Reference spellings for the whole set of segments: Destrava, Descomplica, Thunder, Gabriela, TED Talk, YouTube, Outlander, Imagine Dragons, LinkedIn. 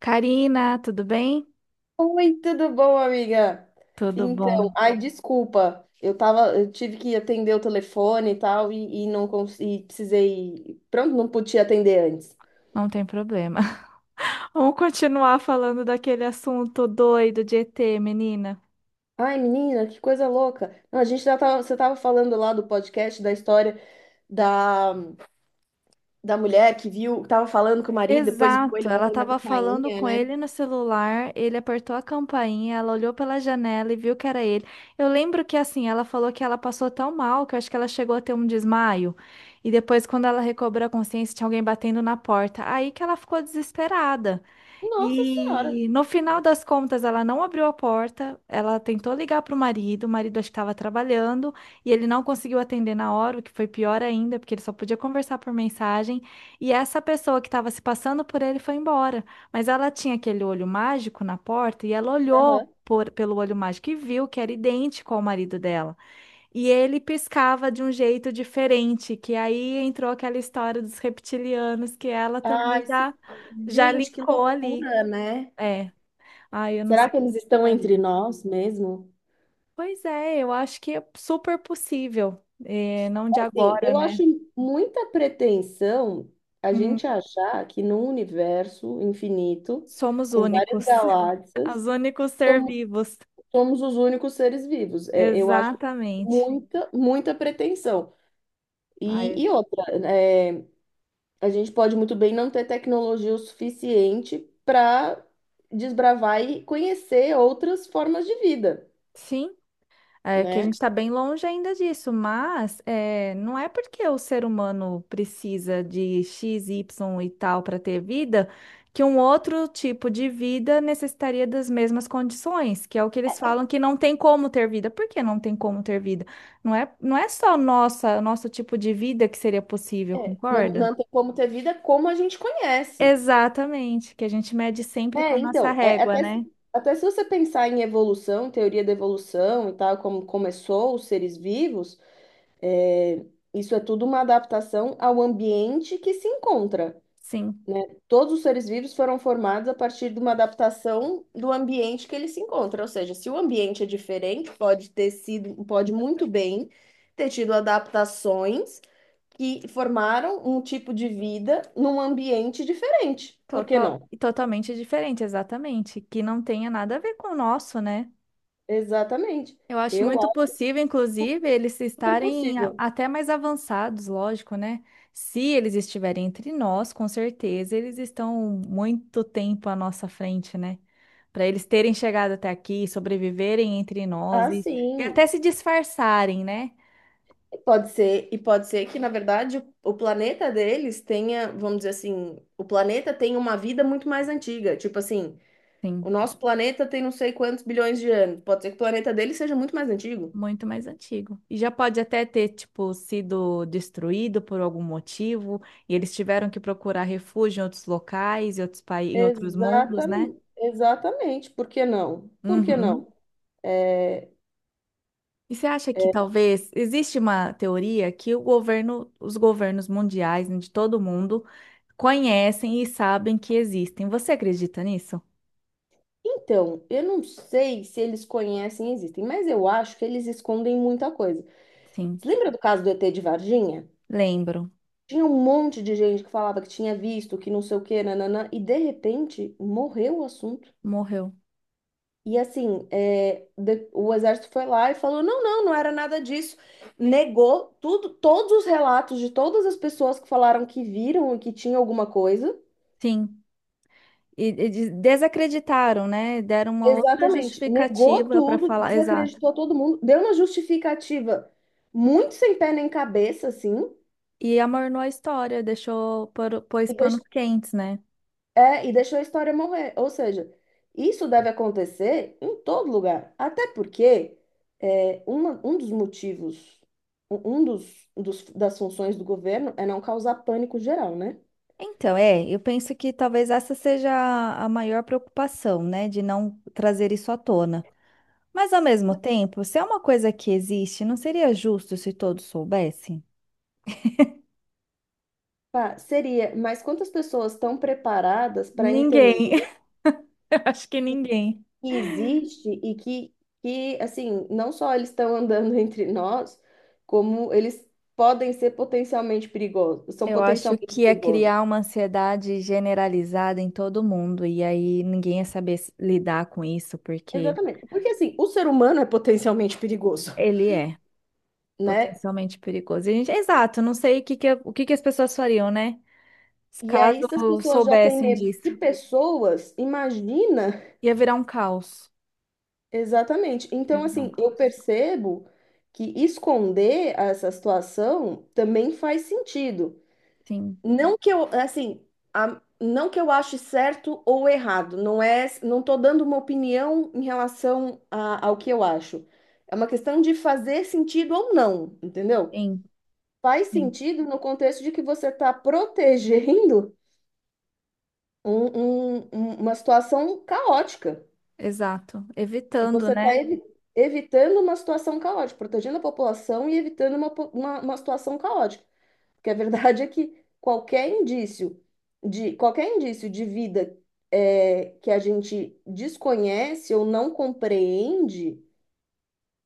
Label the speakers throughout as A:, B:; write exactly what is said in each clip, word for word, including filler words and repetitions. A: Karina, tudo bem?
B: Oi, tudo bom, amiga?
A: Tudo
B: Então,
A: bom,
B: ai, desculpa, eu tava, eu tive que atender o telefone e tal, e, e não consegui, precisei, pronto, não podia atender antes.
A: não tem problema. Vamos continuar falando daquele assunto doido de E T, menina.
B: Ai, menina, que coisa louca. Não, a gente já tava, você tava falando lá do podcast, da história da, da mulher que viu, tava falando com o marido, depois viu
A: Exato,
B: ele
A: ela
B: batendo na
A: estava falando
B: campainha,
A: com
B: né?
A: ele no celular, ele apertou a campainha, ela olhou pela janela e viu que era ele. Eu lembro que assim, ela falou que ela passou tão mal que eu acho que ela chegou a ter um desmaio. E depois, quando ela recobrou a consciência, tinha alguém batendo na porta. Aí que ela ficou desesperada.
B: Nossa Senhora!
A: E no final das contas, ela não abriu a porta, ela tentou ligar para o marido, o marido acho que estava trabalhando, e ele não conseguiu atender na hora, o que foi pior ainda, porque ele só podia conversar por mensagem, e essa pessoa que estava se passando por ele foi embora. Mas ela tinha aquele olho mágico na porta, e ela olhou
B: Aham.
A: por- pelo olho mágico e viu que era idêntico ao marido dela. E ele piscava de um jeito diferente, que aí entrou aquela história dos reptilianos, que ela também
B: Ai, sim.
A: já, já
B: Gente, que
A: linkou ali.
B: loucura, né?
A: É. ah, eu não
B: Será
A: sei o
B: que
A: que
B: eles estão entre
A: faria.
B: nós mesmo?
A: Pois é, eu acho que é super possível. É, não de
B: Sim,
A: agora,
B: eu
A: né?
B: acho muita pretensão a
A: Hum,
B: gente achar que num universo infinito,
A: somos
B: com várias
A: únicos.
B: galáxias,
A: Os únicos ser
B: somos,
A: vivos.
B: somos os únicos seres vivos. É, eu acho
A: Exatamente.
B: muita, muita pretensão. E,
A: Ai,
B: e outra, é, a gente pode muito bem não ter tecnologia o suficiente para desbravar e conhecer outras formas de vida,
A: sim. É que a
B: né?
A: gente está bem longe ainda disso, mas é, não é porque o ser humano precisa de X, Y e tal para ter vida, que um outro tipo de vida necessitaria das mesmas condições, que é o que eles falam que não tem como ter vida. Por que não tem como ter vida? Não é, não é só nossa, nosso tipo de vida que seria possível,
B: É, não,
A: concorda?
B: não tem como ter vida como a gente conhece.
A: Exatamente, que a gente mede sempre com
B: É,
A: a nossa
B: então, é,
A: régua,
B: até, se-
A: né?
B: até se você pensar em evolução, teoria da evolução e tal, como começou os seres vivos, é, isso é tudo uma adaptação ao ambiente que se encontra,
A: Sim.
B: né? Todos os seres vivos foram formados a partir de uma adaptação do ambiente que eles se encontram. Ou seja, se o ambiente é diferente, pode ter sido, pode muito bem ter tido adaptações que formaram um tipo de vida num ambiente diferente. Por que
A: Total,
B: não?
A: totalmente diferente, exatamente, que não tenha nada a ver com o nosso, né?
B: Exatamente.
A: Eu acho
B: Eu
A: muito possível, inclusive, eles
B: Super
A: estarem a-
B: possível.
A: até mais avançados, lógico, né? Se eles estiverem entre nós, com certeza eles estão muito tempo à nossa frente, né? Para eles terem chegado até aqui, sobreviverem entre nós
B: Ah,
A: e, e
B: sim.
A: até se disfarçarem, né?
B: E pode ser, e pode ser que, na verdade, o o planeta deles tenha, vamos dizer assim, o planeta tem uma vida muito mais antiga. Tipo assim,
A: Sim.
B: o nosso planeta tem não sei quantos bilhões de anos. Pode ser que o planeta deles seja muito mais antigo.
A: Muito mais antigo. E já pode até ter, tipo, sido destruído por algum motivo, e eles tiveram que procurar refúgio em outros locais, em outros países, em outros mundos, né?
B: Exatamente, exatamente. Por que não? Por que
A: Uhum.
B: não?
A: E você acha que talvez existe uma teoria que o governo, os governos mundiais, né, de todo mundo, conhecem e sabem que existem. Você acredita nisso?
B: Então, eu não sei se eles conhecem e existem, mas eu acho que eles escondem muita coisa.
A: Sim,
B: Você lembra do caso do E T de Varginha?
A: lembro.
B: Tinha um monte de gente que falava que tinha visto, que não sei o que, nananã, e de repente morreu o assunto.
A: Morreu.
B: E assim, é, de- o exército foi lá e falou: não, não, não era nada disso. Negou tudo, todos os relatos de todas as pessoas que falaram que viram e que tinha alguma coisa.
A: Sim. E, e des- desacreditaram, né? Deram uma outra
B: Exatamente, negou
A: justificativa para
B: tudo,
A: falar. Exato.
B: desacreditou todo mundo, deu uma justificativa muito sem pé nem cabeça, assim,
A: E amornou a história, deixou, por- pôs
B: e, deix-
A: panos quentes, né?
B: é, e deixou a história morrer. Ou seja, isso deve acontecer em todo lugar. Até porque é, uma- um dos motivos, um um dos, dos- das funções do governo é não causar pânico geral, né?
A: Então, é, eu penso que talvez essa seja a a maior preocupação, né, de não trazer isso à tona. Mas, ao mesmo tempo, se é uma coisa que existe, não seria justo se todos soubessem?
B: Pá, seria, mas quantas pessoas estão preparadas para entender
A: Ninguém, eu acho que ninguém.
B: que existe e que, que, assim, não só eles estão andando entre nós, como eles podem ser potencialmente perigosos, são
A: Eu acho
B: potencialmente
A: que é
B: perigosos.
A: criar uma ansiedade generalizada em todo mundo, e aí ninguém ia saber s- lidar com isso, porque
B: Exatamente. Porque assim, o ser humano é potencialmente perigoso,
A: ele é.
B: né?
A: Potencialmente perigoso. E a gente, exato, não sei o que que, o que que as pessoas fariam, né? Se
B: E
A: Caso
B: aí, se as pessoas já têm
A: soubessem
B: medo
A: disso.
B: de pessoas, imagina.
A: Ia virar um caos.
B: Exatamente.
A: Ia
B: Então,
A: virar um
B: assim, eu
A: caos.
B: percebo que esconder essa situação também faz sentido.
A: Sim,
B: Não que eu, assim, a- não que eu ache certo ou errado. Não é, não tô dando uma opinião em relação a- ao que eu acho. É uma questão de fazer sentido ou não, entendeu?
A: sim,
B: Faz
A: sim.
B: sentido no contexto de que você está protegendo um- um- um- uma situação caótica,
A: Exato.
B: que
A: Evitando,
B: você está
A: né?
B: evitando uma situação caótica, protegendo a população e evitando uma, po- uma, uma situação caótica. Porque a verdade é que qualquer indício de qualquer indício de vida é, que a gente desconhece ou não compreende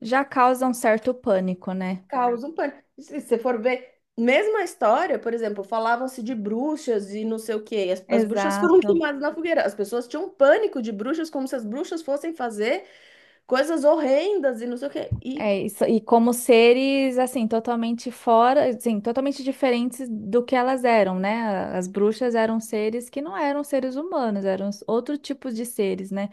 A: Já causa um certo pânico, né?
B: causa um pânico. Se você for ver, mesma história, por exemplo, falavam-se de bruxas e não sei o quê. E As, as bruxas foram
A: Exato.
B: queimadas na fogueira. As pessoas tinham um pânico de bruxas, como se as bruxas fossem fazer coisas horrendas e não sei o quê. E
A: É isso. E como seres, assim, totalmente fora, assim, totalmente diferentes do que elas eram, né? A- As bruxas eram seres que não eram seres humanos, eram s- outro tipo de seres, né?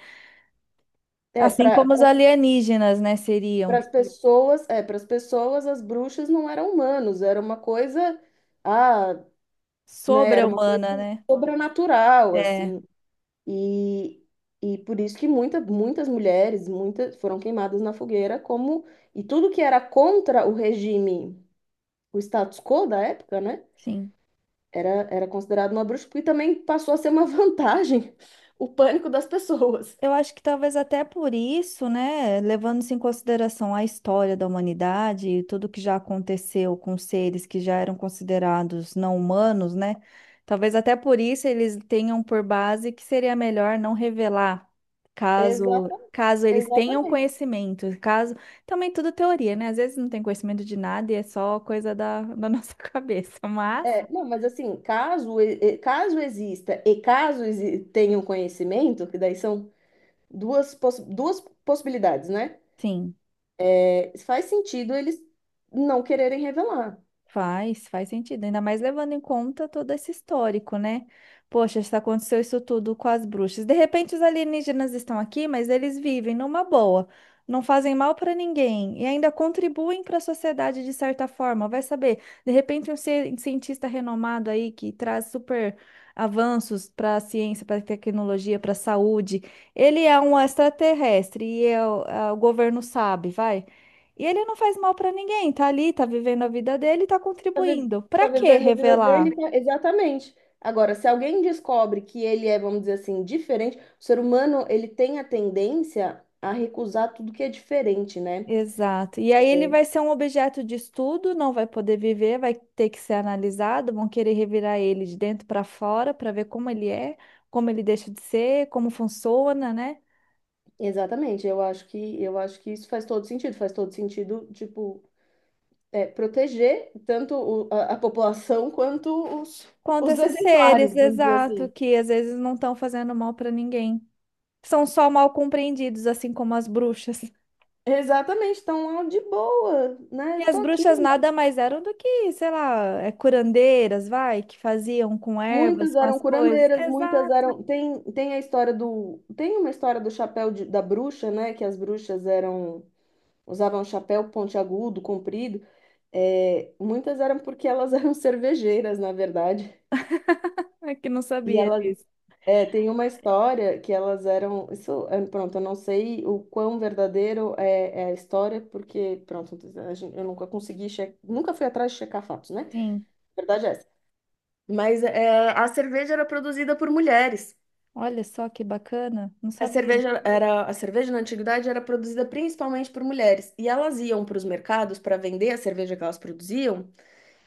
B: é,
A: Assim
B: para
A: como os alienígenas, né, seriam.
B: as pessoas, é, para as pessoas, as bruxas não eram humanos, era uma coisa, ah, né, era uma coisa
A: Sobre-humana, né?
B: sobrenatural,
A: É,
B: assim. E, e por isso que muita, muitas mulheres, muitas foram queimadas na fogueira como e tudo que era contra o regime, o status quo da época, né?
A: sim.
B: Era, era considerado uma bruxa e também passou a ser uma vantagem o pânico das pessoas.
A: Eu acho que talvez até por isso, né, levando-se em consideração a história da humanidade e tudo que já aconteceu com seres que já eram considerados não humanos, né? Talvez até por isso eles tenham por base que seria melhor não revelar, caso
B: Exata,
A: caso eles tenham
B: exatamente.
A: conhecimento, caso também tudo teoria, né? Às vezes não tem conhecimento de nada e é só coisa da, da nossa cabeça, mas
B: É, não, mas assim, caso, e- e- caso exista e caso exi- tenham conhecimento, que daí são duas, poss- duas possibilidades, né?
A: sim.
B: É, faz sentido eles não quererem revelar.
A: Faz, faz sentido, ainda mais levando em conta todo esse histórico, né? Poxa, se aconteceu isso tudo com as bruxas. De repente os alienígenas estão aqui, mas eles vivem numa boa, não fazem mal para ninguém e ainda contribuem para a sociedade de certa forma. Vai saber, de repente um ci- cientista renomado aí que traz super avanços para a ciência, para a tecnologia, para a saúde, ele é um extraterrestre e é o é o governo sabe, vai. E ele não faz mal pra ninguém, tá ali, tá vivendo a vida dele, tá
B: tá vi-
A: contribuindo.
B: tá
A: Pra que
B: vivendo a vida
A: revelar?
B: dele, tá, exatamente. Agora, se alguém descobre que ele é, vamos dizer assim, diferente, o ser humano, ele tem a tendência a recusar tudo que é diferente, né?
A: Exato. E aí ele vai ser um objeto de estudo, não vai poder viver, vai ter que ser analisado, vão querer revirar ele de dentro para fora para ver como ele é, como ele deixa de ser, como funciona, né?
B: Exatamente. Eu acho que eu acho que isso faz todo sentido, faz todo sentido, tipo, é, proteger tanto o- a, a população quanto os,
A: Quanto a
B: os
A: esses
B: exemplares,
A: seres,
B: vamos dizer
A: exato,
B: assim.
A: que às vezes não estão fazendo mal para ninguém. São só mal compreendidos, assim como as bruxas.
B: Exatamente, estão de boa,
A: E
B: né?
A: as
B: Tô aqui.
A: bruxas nada mais eram do que, sei lá, é, curandeiras, vai, que faziam com
B: Muitas
A: ervas, com
B: eram
A: as coisas.
B: curandeiras, muitas
A: Exato,
B: eram. Tem, tem a história do. Tem uma história do chapéu de- da bruxa, né? Que as bruxas eram. Usavam chapéu pontiagudo, comprido. É, muitas eram porque elas eram cervejeiras, na verdade.
A: é que não
B: E
A: sabia
B: elas.
A: disso.
B: É, tem uma história que elas eram. Isso, é, pronto, eu não sei o quão verdadeiro é, é a história, porque, pronto, a gente- eu nunca consegui. Che... Nunca fui atrás de checar fatos, né?
A: Sim,
B: Verdade é essa. Mas é, a cerveja era produzida por mulheres.
A: olha só que bacana, não
B: A
A: sabia.
B: cerveja era, a cerveja na antiguidade era produzida principalmente por mulheres, e elas iam para os mercados para vender a cerveja que elas produziam,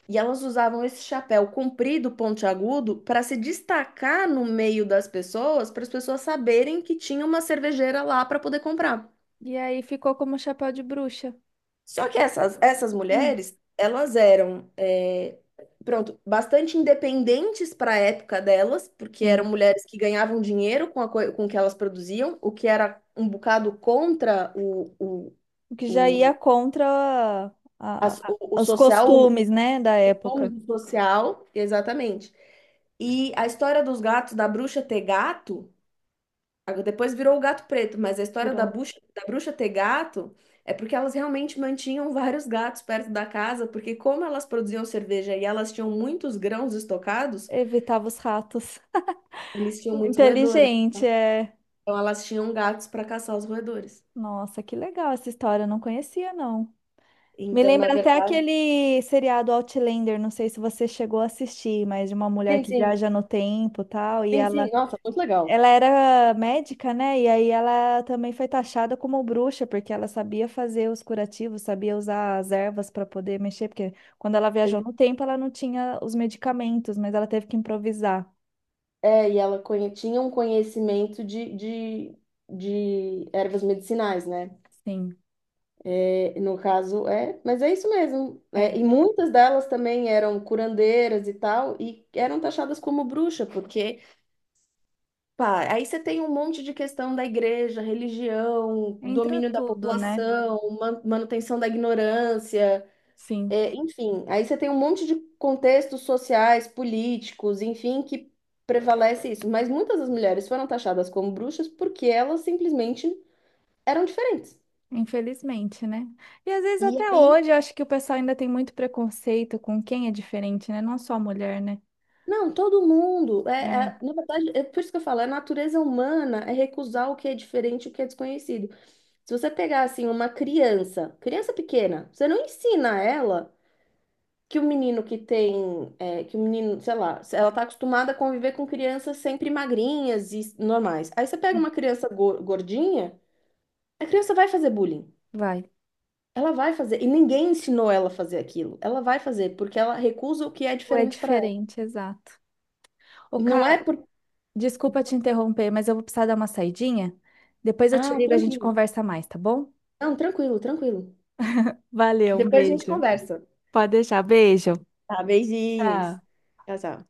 B: e elas usavam esse chapéu comprido, pontiagudo, para se destacar no meio das pessoas, para as pessoas saberem que tinha uma cervejeira lá para poder comprar.
A: E aí ficou como chapéu de bruxa.
B: Só que essas, essas
A: Hum,
B: mulheres, elas eram, é, pronto, bastante independentes para a época delas, porque eram
A: Sim,
B: mulheres que ganhavam dinheiro com, a, coi- com o que elas produziam, o que era um bocado contra o, o,
A: o que já ia
B: o,
A: contra a-
B: a
A: a-
B: so- o
A: a- os
B: social,
A: costumes, né, da
B: o
A: época.
B: uso social, exatamente. E a história dos gatos, da bruxa ter gato, agora, depois virou o gato preto, mas a história
A: Virou.
B: da bruxa, da bruxa ter gato é porque elas realmente mantinham vários gatos perto da casa, porque como elas produziam cerveja e elas tinham muitos grãos estocados,
A: Evitava os ratos.
B: eles tinham muitos roedores.
A: Inteligente, é.
B: Então elas tinham gatos para caçar os roedores.
A: Nossa, que legal essa história, eu não conhecia, não. Me
B: Então, na
A: lembra até
B: verdade,
A: aquele seriado Outlander, não sei se você chegou a assistir, mas de uma mulher
B: sim,
A: que
B: sim,
A: viaja no tempo, e tal, e
B: sim, sim,
A: ela
B: nossa, muito legal.
A: ela era médica, né? E aí ela também foi taxada como bruxa, porque ela sabia fazer os curativos, sabia usar as ervas para poder mexer, porque quando ela viajou no tempo, ela não tinha os medicamentos, mas ela teve que improvisar.
B: É, e ela conhe- tinha um conhecimento de, de, de ervas medicinais, né?
A: Sim.
B: No caso, é, mas é isso mesmo. É,
A: É,
B: e muitas delas também eram curandeiras e tal, e eram taxadas como bruxa, porque, pá, aí você tem um monte de questão da igreja, religião,
A: entra
B: domínio da
A: tudo, né?
B: população, man- manutenção da ignorância,
A: Sim.
B: é, enfim, aí você tem um monte de contextos sociais, políticos, enfim, que prevalece isso. Mas muitas das mulheres foram taxadas como bruxas porque elas simplesmente eram diferentes.
A: Infelizmente, né? E às vezes
B: E
A: até
B: aí
A: hoje eu acho que o pessoal ainda tem muito preconceito com quem é diferente, né? Não só a mulher, né?
B: Não, todo mundo. É,
A: É,
B: é- na verdade, é por isso que eu falo, a natureza humana é recusar o que é diferente, o que é desconhecido. Se você pegar, assim, uma criança, criança pequena, você não ensina ela que o menino que tem, é, que o menino, sei lá, se ela está acostumada a conviver com crianças sempre magrinhas e normais. Aí você pega uma criança go- gordinha, a criança vai fazer bullying.
A: vai.
B: Ela vai fazer, e ninguém ensinou ela a fazer aquilo. Ela vai fazer, porque ela recusa o que é
A: Ou é
B: diferente para ela.
A: diferente, exato. Ô,
B: Não é
A: cara,
B: por...
A: desculpa te interromper, mas eu vou precisar dar uma saidinha. Depois eu te
B: Ah,
A: ligo, a gente
B: tranquilo.
A: conversa mais, tá bom?
B: Não, tranquilo, tranquilo.
A: Valeu, um
B: Depois a gente
A: beijo.
B: conversa.
A: Pode deixar, beijo.
B: Tá, beijinhos.
A: Tá.
B: Tchau, tchau.